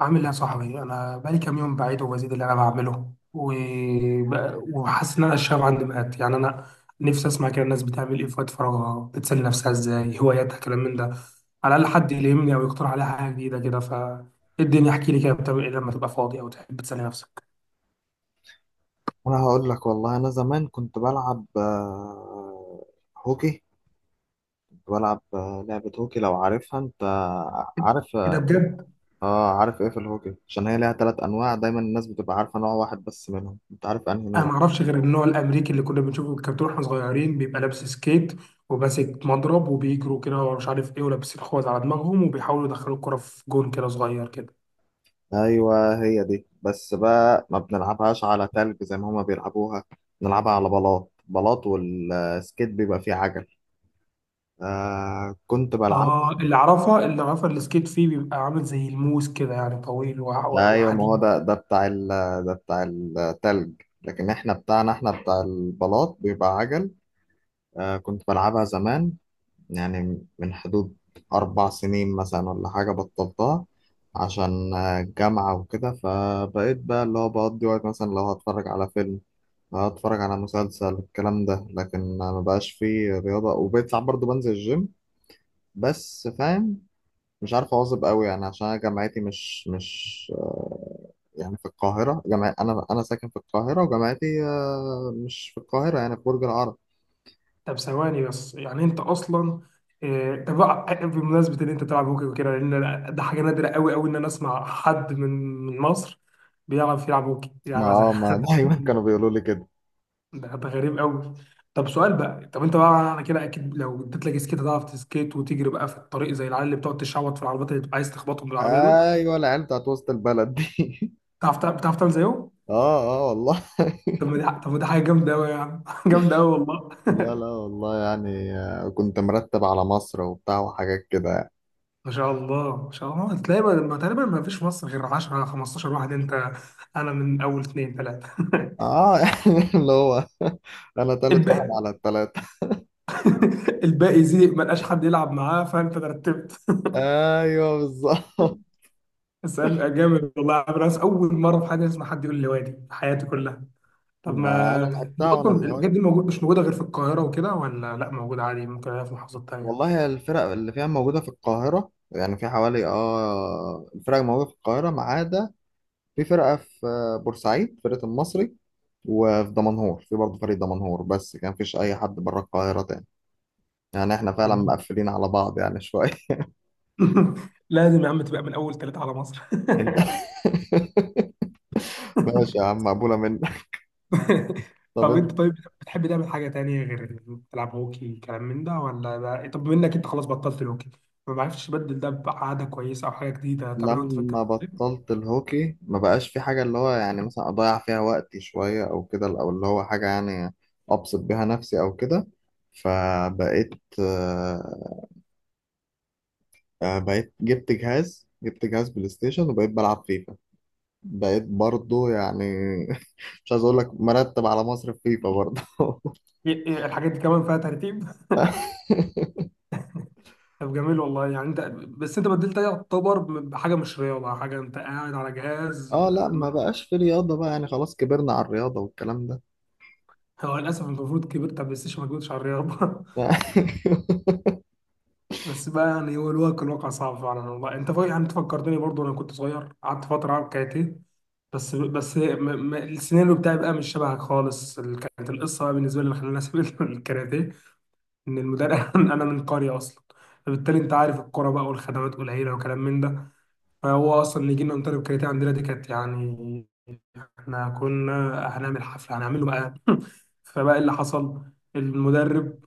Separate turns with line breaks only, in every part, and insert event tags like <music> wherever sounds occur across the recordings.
عامل ايه يا صاحبي؟ انا بقالي كام يوم بعيد وبزيد اللي انا بعمله وحاسس ان انا الشغف عندي مات. يعني انا نفسي اسمع كده الناس بتعمل ايه في وقت فراغها، بتسلي نفسها ازاي، هواياتها، كلام من ده. على الاقل حد يلهمني او يقترح عليها حاجه جديده كده. ف إيه الدنيا؟ احكي لي كده بتعمل ايه لما تبقى فاضي او تحب تسلي نفسك؟
انا هقول لك والله. انا زمان كنت بلعب هوكي. كنت بلعب لعبة هوكي لو عارفها. انت عارف
كده
اه.
بجد؟
عارف ايه في الهوكي؟ عشان هي ليها 3 انواع، دايما الناس بتبقى عارفة نوع واحد بس منهم. انت عارف انهي
انا
نوع؟
ما اعرفش غير النوع الامريكي اللي كنا بنشوفه في الكرتون واحنا صغيرين، بيبقى لابس سكيت وماسك مضرب وبيجروا كده ومش عارف ايه، ولابسين خوذ على دماغهم وبيحاولوا يدخلوا الكرة في جون كده صغير كده.
ايوه، هي دي، بس بقى ما بنلعبهاش على تلج زي ما هما بيلعبوها. بنلعبها على بلاط بلاط، والسكيت بيبقى فيه عجل. آه كنت بلعب.
اه، اللي اعرفها اللي اعرفها السكيت فيه بيبقى عامل زي الموس كده، يعني طويل
ايوه، ما هو
وحديد.
ده بتاع ال ده بتاع التلج، لكن احنا بتاعنا، احنا بتاع البلاط بيبقى عجل. آه كنت بلعبها زمان، يعني من حدود 4 سنين مثلا ولا حاجه بطلتها عشان الجامعه وكده. فبقيت بقى اللي هو بقضي وقت، مثلا لو هتفرج على فيلم، لو هتفرج على مسلسل، الكلام ده. لكن ما بقاش فيه رياضه، وبقيت ساعات برضه بنزل الجيم بس، فاهم؟ مش عارف اواظب قوي يعني، عشان انا جامعتي مش يعني في القاهره. جامع انا ساكن في القاهره، وجامعتي مش في القاهره، يعني في برج العرب.
طب ثواني بس، يعني انت اصلا طب بمناسبه ان انت تلعب هوكي وكده، لان ده حاجه نادره قوي قوي ان انا اسمع حد من من مصر بيعرف يلعب هوكي،
ما
يعني
آه، ما <laughs> دايما كانوا
<laughs>
بيقولوا لي كده.
ده ده غريب قوي. طب سؤال بقى، طب انت بقى انا كده اكيد لو اديت لك سكيت هتعرف تسكيت وتجري بقى في الطريق زي العيال اللي بتقعد تشعوط في العربيات اللي بتبقى عايز تخبطهم بالعربيه دول؟
ايوه، العيال بتاعت وسط البلد دي <laughs>
بتعرف بتعرف تعمل زيهم؟
اه اه والله
طب
<laughs>
ما دي طب ما دي حاجه جامده قوي يا عم <laughs> جامده قوي والله.
لا لا والله، يعني كنت مرتب على مصر وبتاع وحاجات كده يعني.
ما شاء الله ما شاء الله، تلاقي تقريبا ما فيش في مصر غير 10 15 واحد. انت انا من اول اثنين ثلاثه
اه <laughs> يعني اللي هو انا
<laughs>
تالت واحد
الباقي
على التلاتة.
<laughs> الباقي زي ما لقاش حد يلعب معاه فانت ترتبت <laughs>
<laughs> ايوه بالظبط.
اسال جامد والله يا عم، ناس اول مره في حياتي اسمع حد يقول لي، وادي في حياتي كلها. طب
ما
ما
انا
دي
لعبتها وانا
اصلا
صغير.
الحاجات دي موجود مش موجوده غير في القاهره وكده، ولا لا موجوده عادي ممكن الاقيها في محافظات تانيه؟
والله الفرق اللي فيها موجودة في القاهرة، يعني في حوالي اه الفرق موجودة في القاهرة ما عدا في فرقة في بورسعيد، فرقة المصري، وفي دمنهور في برضه فريق دمنهور. بس كان مفيش أي حد بره القاهرة تاني. يعني احنا فعلا
<laughs>
مقفلين على بعض يعني شوية.
لازم يا عم تبقى من اول ثلاثه على مصر
<laughs> انت <laughs>
<laughs>
ماشي يا عم، مقبولة منك.
<laughs>
طب
طب انت
انت.
طيب، بتحب تعمل حاجة تانية غير تلعب هوكي كلام من ده، ولا ده طب منك انت خلاص بطلت الهوكي؟ ما بعرفش، تبدل ده بعادة كويسة او حاجة جديدة تعملها وانت في
لما
الجامعة طيب؟
بطلت الهوكي ما بقاش في حاجة، اللي هو يعني مثلا أضيع فيها وقتي شوية أو كده، أو اللي هو حاجة يعني أبسط بيها نفسي أو كده. فبقيت آه، بقيت جبت جهاز، جبت جهاز بلاي ستيشن، وبقيت بلعب فيفا. بقيت برضو يعني <laughs> مش عايز أقول لك مرتب على مصر في فيفا برضو. <laughs>
ايه الحاجات دي كمان فيها ترتيب؟ طب جميل والله، يعني انت، بس انت بدلت ده يعتبر بحاجة مش رياضة، حاجة انت قاعد على جهاز.
اه لا،
ما-
ما بقاش في رياضة بقى، يعني خلاص كبرنا على الرياضة والكلام ده.
هو للاسف انت المفروض كبرت على البلاي ستيشن، ما كنتش على الرياضة <laughs>
<laughs>
بس بقى يعني هو الواقع الواقع صعب فعلا والله. انت يعني انت فكرتني برضه، انا كنت صغير قعدت فترة العب كاراتيه، بس السيناريو بتاعي بقى مش شبهك خالص. كانت القصه بقى بالنسبه لي اللي خلاني اسيب <laughs> الكاراتيه ان المدرب <laughs> انا من قريه اصلا، فبالتالي انت عارف الكوره بقى والخدمات قليله وكلام من ده، فهو اصلا اللي يجي لنا مدرب كاراتيه عندنا دي كانت يعني، احنا كنا هنعمل حفله هنعمله بقى <laughs> فبقى اللي حصل المدرب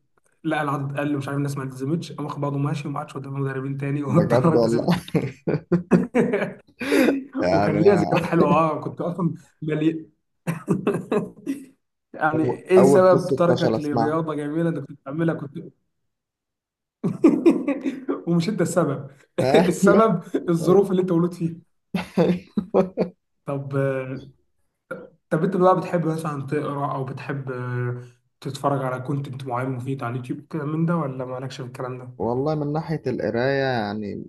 لقى العدد قل، مش عارف الناس ما التزمتش، قام واخد بعضه ماشي وما عادش قدام مدربين تاني <laughs>
بجد
واضطريت
والله،
اسيب الك- <laughs> وكان
يعني
ليا ذكريات حلوه، اه كنت اصلا مليان <laughs> يعني
أول
ايه
أول
سبب
قصة فشل
تركك
أسمعها.
لرياضة جميلة انت كنت بتعملها كنت <laughs> ومش انت السبب
<laughs>
<laughs>
أيوه
السبب الظروف اللي انت مولود فيها.
أيوه.
طب، طب انت بقى بتحب مثلا تقرا او بتحب تتفرج على كونتنت معين مفيد على اليوتيوب كده من ده، ولا مالكش في الكلام ده؟
والله من ناحية القراية يعني،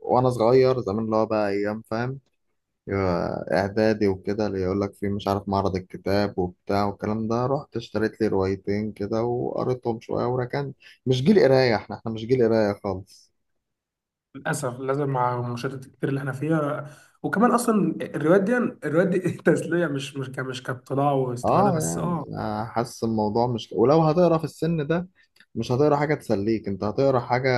وأنا صغير زمان اللي هو بقى أيام، فاهم، إعدادي وكده، اللي يقول لك في مش عارف معرض الكتاب وبتاع والكلام ده، رحت اشتريت لي روايتين كده وقريتهم شوية وركنت. مش جيل قراية، احنا مش جيل قراية خالص.
للاسف لازم مع المشاهدات الكتير اللي احنا فيها. وكمان اصلا الروايات دي الروايات دي <laughs> تسلية، مش كاطلاع واستفادة
اه
بس،
يعني
اه.
حاسس الموضوع مش، ولو هتقرا في السن ده مش هتقرا حاجة تسليك، انت هتقرا حاجة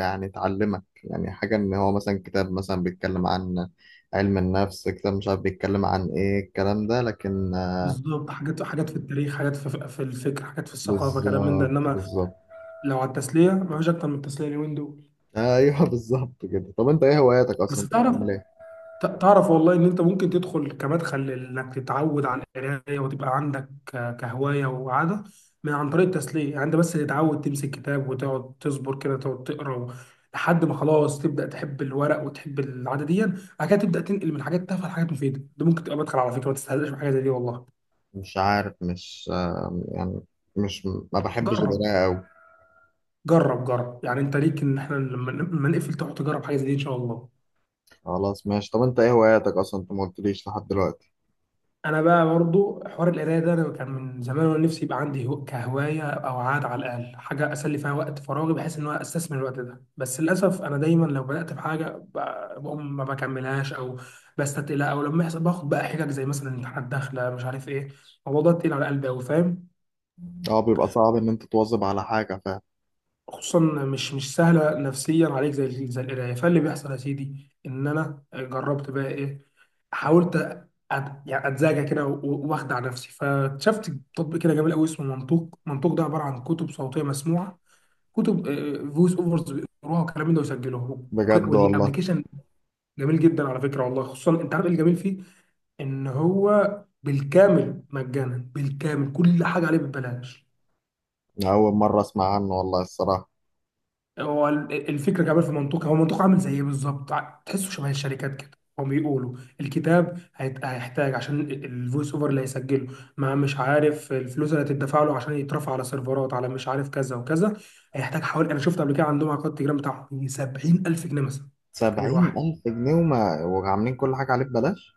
يعني تعلمك، يعني حاجة ان هو مثلا كتاب مثلا بيتكلم عن علم النفس، كتاب مش عارف بيتكلم عن ايه الكلام ده، لكن
بالظبط، حاجات حاجات في التاريخ، حاجات في, في الفكر، حاجات في الثقافه، كلام من ده.
بالظبط
انما
بالظبط.
لو على التسليه، ما فيش اكتر من التسليه اليومين دول.
ايوه <laughs> بالظبط كده. طب انت ايه هواياتك اصلا؟
بس
انت
تعرف،
بتعمل ايه؟
تعرف والله ان انت ممكن تدخل كمدخل انك تتعود على القرايه وتبقى عندك كهوايه وعاده من عن طريق التسليه. يعني انت بس تتعود تمسك كتاب وتقعد تصبر كده، تقعد تقرا لحد ما خلاص تبدا تحب الورق وتحب العاده دي. بعد كده تبدا تنقل من حاجات تافهه لحاجات مفيده. ده ممكن تبقى مدخل على فكره، ما تستهزئش بحاجه زي دي والله.
مش عارف، مش يعني مش، ما بحبش
جرب،
القراءة قوي.
جرب جرب، يعني انت ليك ان احنا لما نقفل تروح تجرب حاجه زي دي ان شاء الله.
خلاص ماشي. طب انت ايه هواياتك اصلا؟ انت ما قلتليش لحد دلوقتي.
انا بقى برضو حوار القرايه ده انا كان من زمان وانا نفسي يبقى عندي كهوايه او عاده، على الاقل حاجه اسلي فيها وقت فراغي بحيث ان انا استثمر الوقت ده. بس للاسف انا دايما لو بدات بحاجه، بقوم ما بكملهاش او بستتقلها، او لما يحصل باخد بقى حجج زي مثلا امتحانات داخله مش عارف ايه، الموضوع ده تقيل على قلبي قوي فاهم.
اه بيبقى صعب ان انت تواظب على حاجة فعلا.
خصوصا مش مش سهله نفسيا عليك زي زي القرايه. فاللي بيحصل يا سيدي ان انا جربت بقى ايه، حاولت يعني اتزاجى كده واخدع نفسي، فاكتشفت تطبيق كده جميل قوي اسمه منطوق. منطوق ده عباره عن كتب صوتيه مسموعه، كتب فويس اوفرز بيقروها والكلام ده ويسجلوها
بجد والله.
والابلكيشن جميل جدا على فكره والله. خصوصا انت عارف ايه الجميل فيه؟ ان هو بالكامل مجانا، بالكامل كل حاجه عليه ببلاش.
أنا أول مرة أسمع عنه والله الصراحة.
هو الفكره كمان في منطقه، هو منطقه عامل زي ايه بالظبط، تحسه شبه الشركات كده. هم بيقولوا الكتاب هيحتاج عشان الفويس اوفر اللي هيسجله، ما مش عارف الفلوس اللي هتدفع له عشان يترفع على سيرفرات على مش عارف كذا وكذا، هيحتاج حوالي، انا شفت قبل كده عندهم على قناه التليجرام بتاعهم 70000 جنيه مثلا الكتاب
سبعين
الواحد.
ألف جنيه وما وعاملين كل حاجة عليه ببلاش؟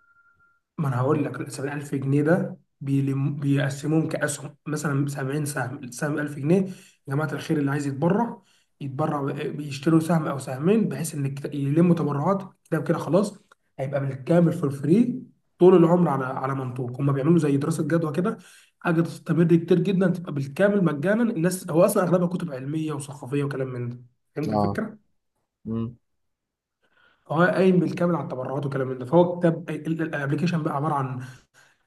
ما انا هقول لك 70000 جنيه ده بيقسموهم كاسهم مثلا 70 سهم، السهم 1000 جنيه. يا جماعه الخير اللي عايز يتبرع يتبرع بيشتروا سهم او سهمين بحيث ان يلموا تبرعات كده وكده خلاص، هيبقى بالكامل في الفري طول العمر على على منطوق. هم بيعملوا زي دراسه جدوى كده، حاجه تستمر كتير جدا تبقى بالكامل مجانا الناس. هو اصلا اغلبها كتب علميه وثقافيه وكلام من ده. فهمت
اه.
الفكره؟
مم.
هو قايم بالكامل على التبرعات وكلام من ده. فهو كتاب الابلكيشن بقى عباره عن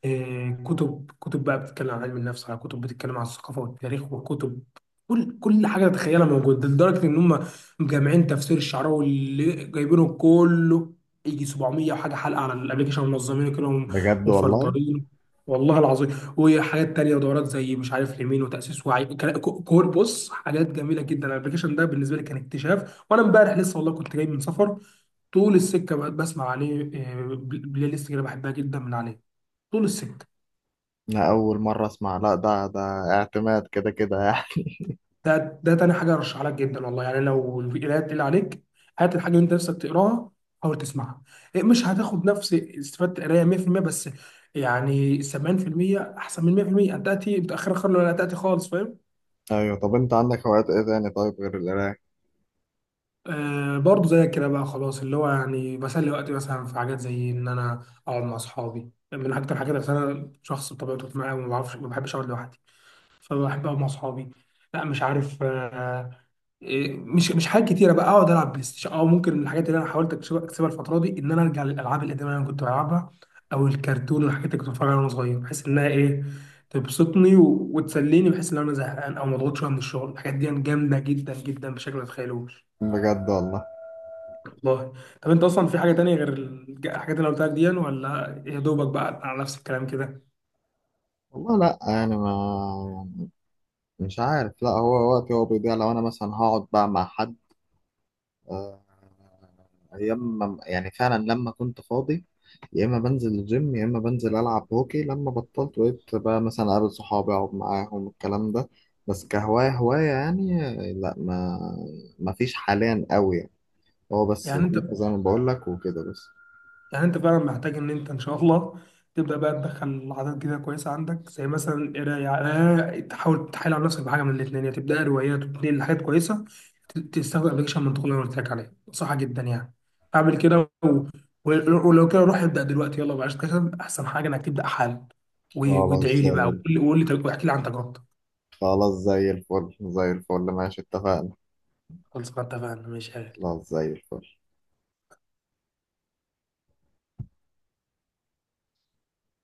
كتب بقى بتتكلم عن علم النفس، على كتب بتتكلم عن الثقافه والتاريخ، وكتب كل حاجه تتخيلها موجوده. لدرجه ان هم مجمعين تفسير الشعراوي اللي جايبينه كله، يجي 700 وحاجه حلقه على الابلكيشن، منظمينه كده
بجد والله؟
ومفلترينه. والله العظيم. وحاجات تانية ودورات زي مش عارف اليمين وتأسيس وعي كل بص حاجات جميلة جدا. الابلكيشن ده بالنسبة لي كان اكتشاف، وانا امبارح لسه والله كنت جاي من سفر، طول السكة بقى بسمع عليه بلاي ليست كده بحبها جدا من عليه طول السكه.
أنا أول مرة أسمع. لا ده ده اعتماد كده كده يعني.
ده ده تاني حاجه ارشح لك جدا والله. يعني لو القرايه تقيل عليك، هات الحاجه اللي انت نفسك تقراها حاول تسمعها. مش هتاخد نفس استفاده القرايه 100%، بس يعني 70% احسن من 100%، انت تاتي متاخر خالص ولا تاتي خالص فاهم.
<laughs> أيوة. طب أنت عندك هوايات إيه تاني طيب غير القراية؟
آه برضه زي كده بقى خلاص، اللي هو يعني بسلي وقتي مثلا في حاجات زي ان انا اقعد مع اصحابي، من اكتر الحاجات عشان انا شخص بطبيعته اجتماعي وما بعرفش ما بحبش اقعد لوحدي، فبحب اقعد مع اصحابي. لا مش عارف، آه، إيه، مش مش حاجات كتيره بقى، اقعد العب بلاي ستيشن، او ممكن من الحاجات اللي انا حاولت اكسبها اكسبها الفتره دي ان انا ارجع للالعاب القديمه اللي انا كنت بلعبها او الكرتون والحاجات اللي كنت بتفرج عليها وانا صغير، بحيث انها ايه، تبسطني وتسليني، بحيث ان انا زهقان او مضغوط شويه من الشغل. الحاجات دي جامده جدا جدا بشكل ما تتخيلوش
بجد والله.
والله. طب انت اصلا في حاجه تانية غير الحاجات اللي أنا قلتها لك دي، ولا يا دوبك بقى على نفس الكلام كده؟
والله لأ يعني ما مش عارف. لأ، هو وقتي بيضيع لو أنا مثلا هقعد بقى مع حد. آه، ايام ما، يعني فعلا لما كنت فاضي، يا اما بنزل الجيم يا اما بنزل العب هوكي. لما بطلت بقيت بقى مثلا اقابل صحابي، اقعد معاهم، الكلام ده. بس كهواية هواية يعني لا، ما فيش حاليا قوي يعني. هو بس
يعني انت،
فيفا زي ما بقول لك وكده بس.
يعني انت فعلا محتاج ان انت ان شاء الله تبدا بقى تدخل عادات جديده كويسه عندك، زي مثلا القرايه. تحاول تحايل على نفسك بحاجه من الاثنين، يا تبدا روايات وتنقل لحاجات كويسه، تستخدم ابلكيشن منطقي اللي انا قلت لك عليه، صح جدا يعني. اعمل كده و... ولو كده روح ابدا دلوقتي، يلا بلاش كسل، احسن حاجه انك تبدا حالا.
خلاص
وادعي لي بقى
زي
وقول لي واحكي لي عن تجربتك.
خلاص زي الفل، زي الفل ماشي اتفقنا.
خلاص ما اتفقنا، ماشي يا غالي.
خلاص زي الفل.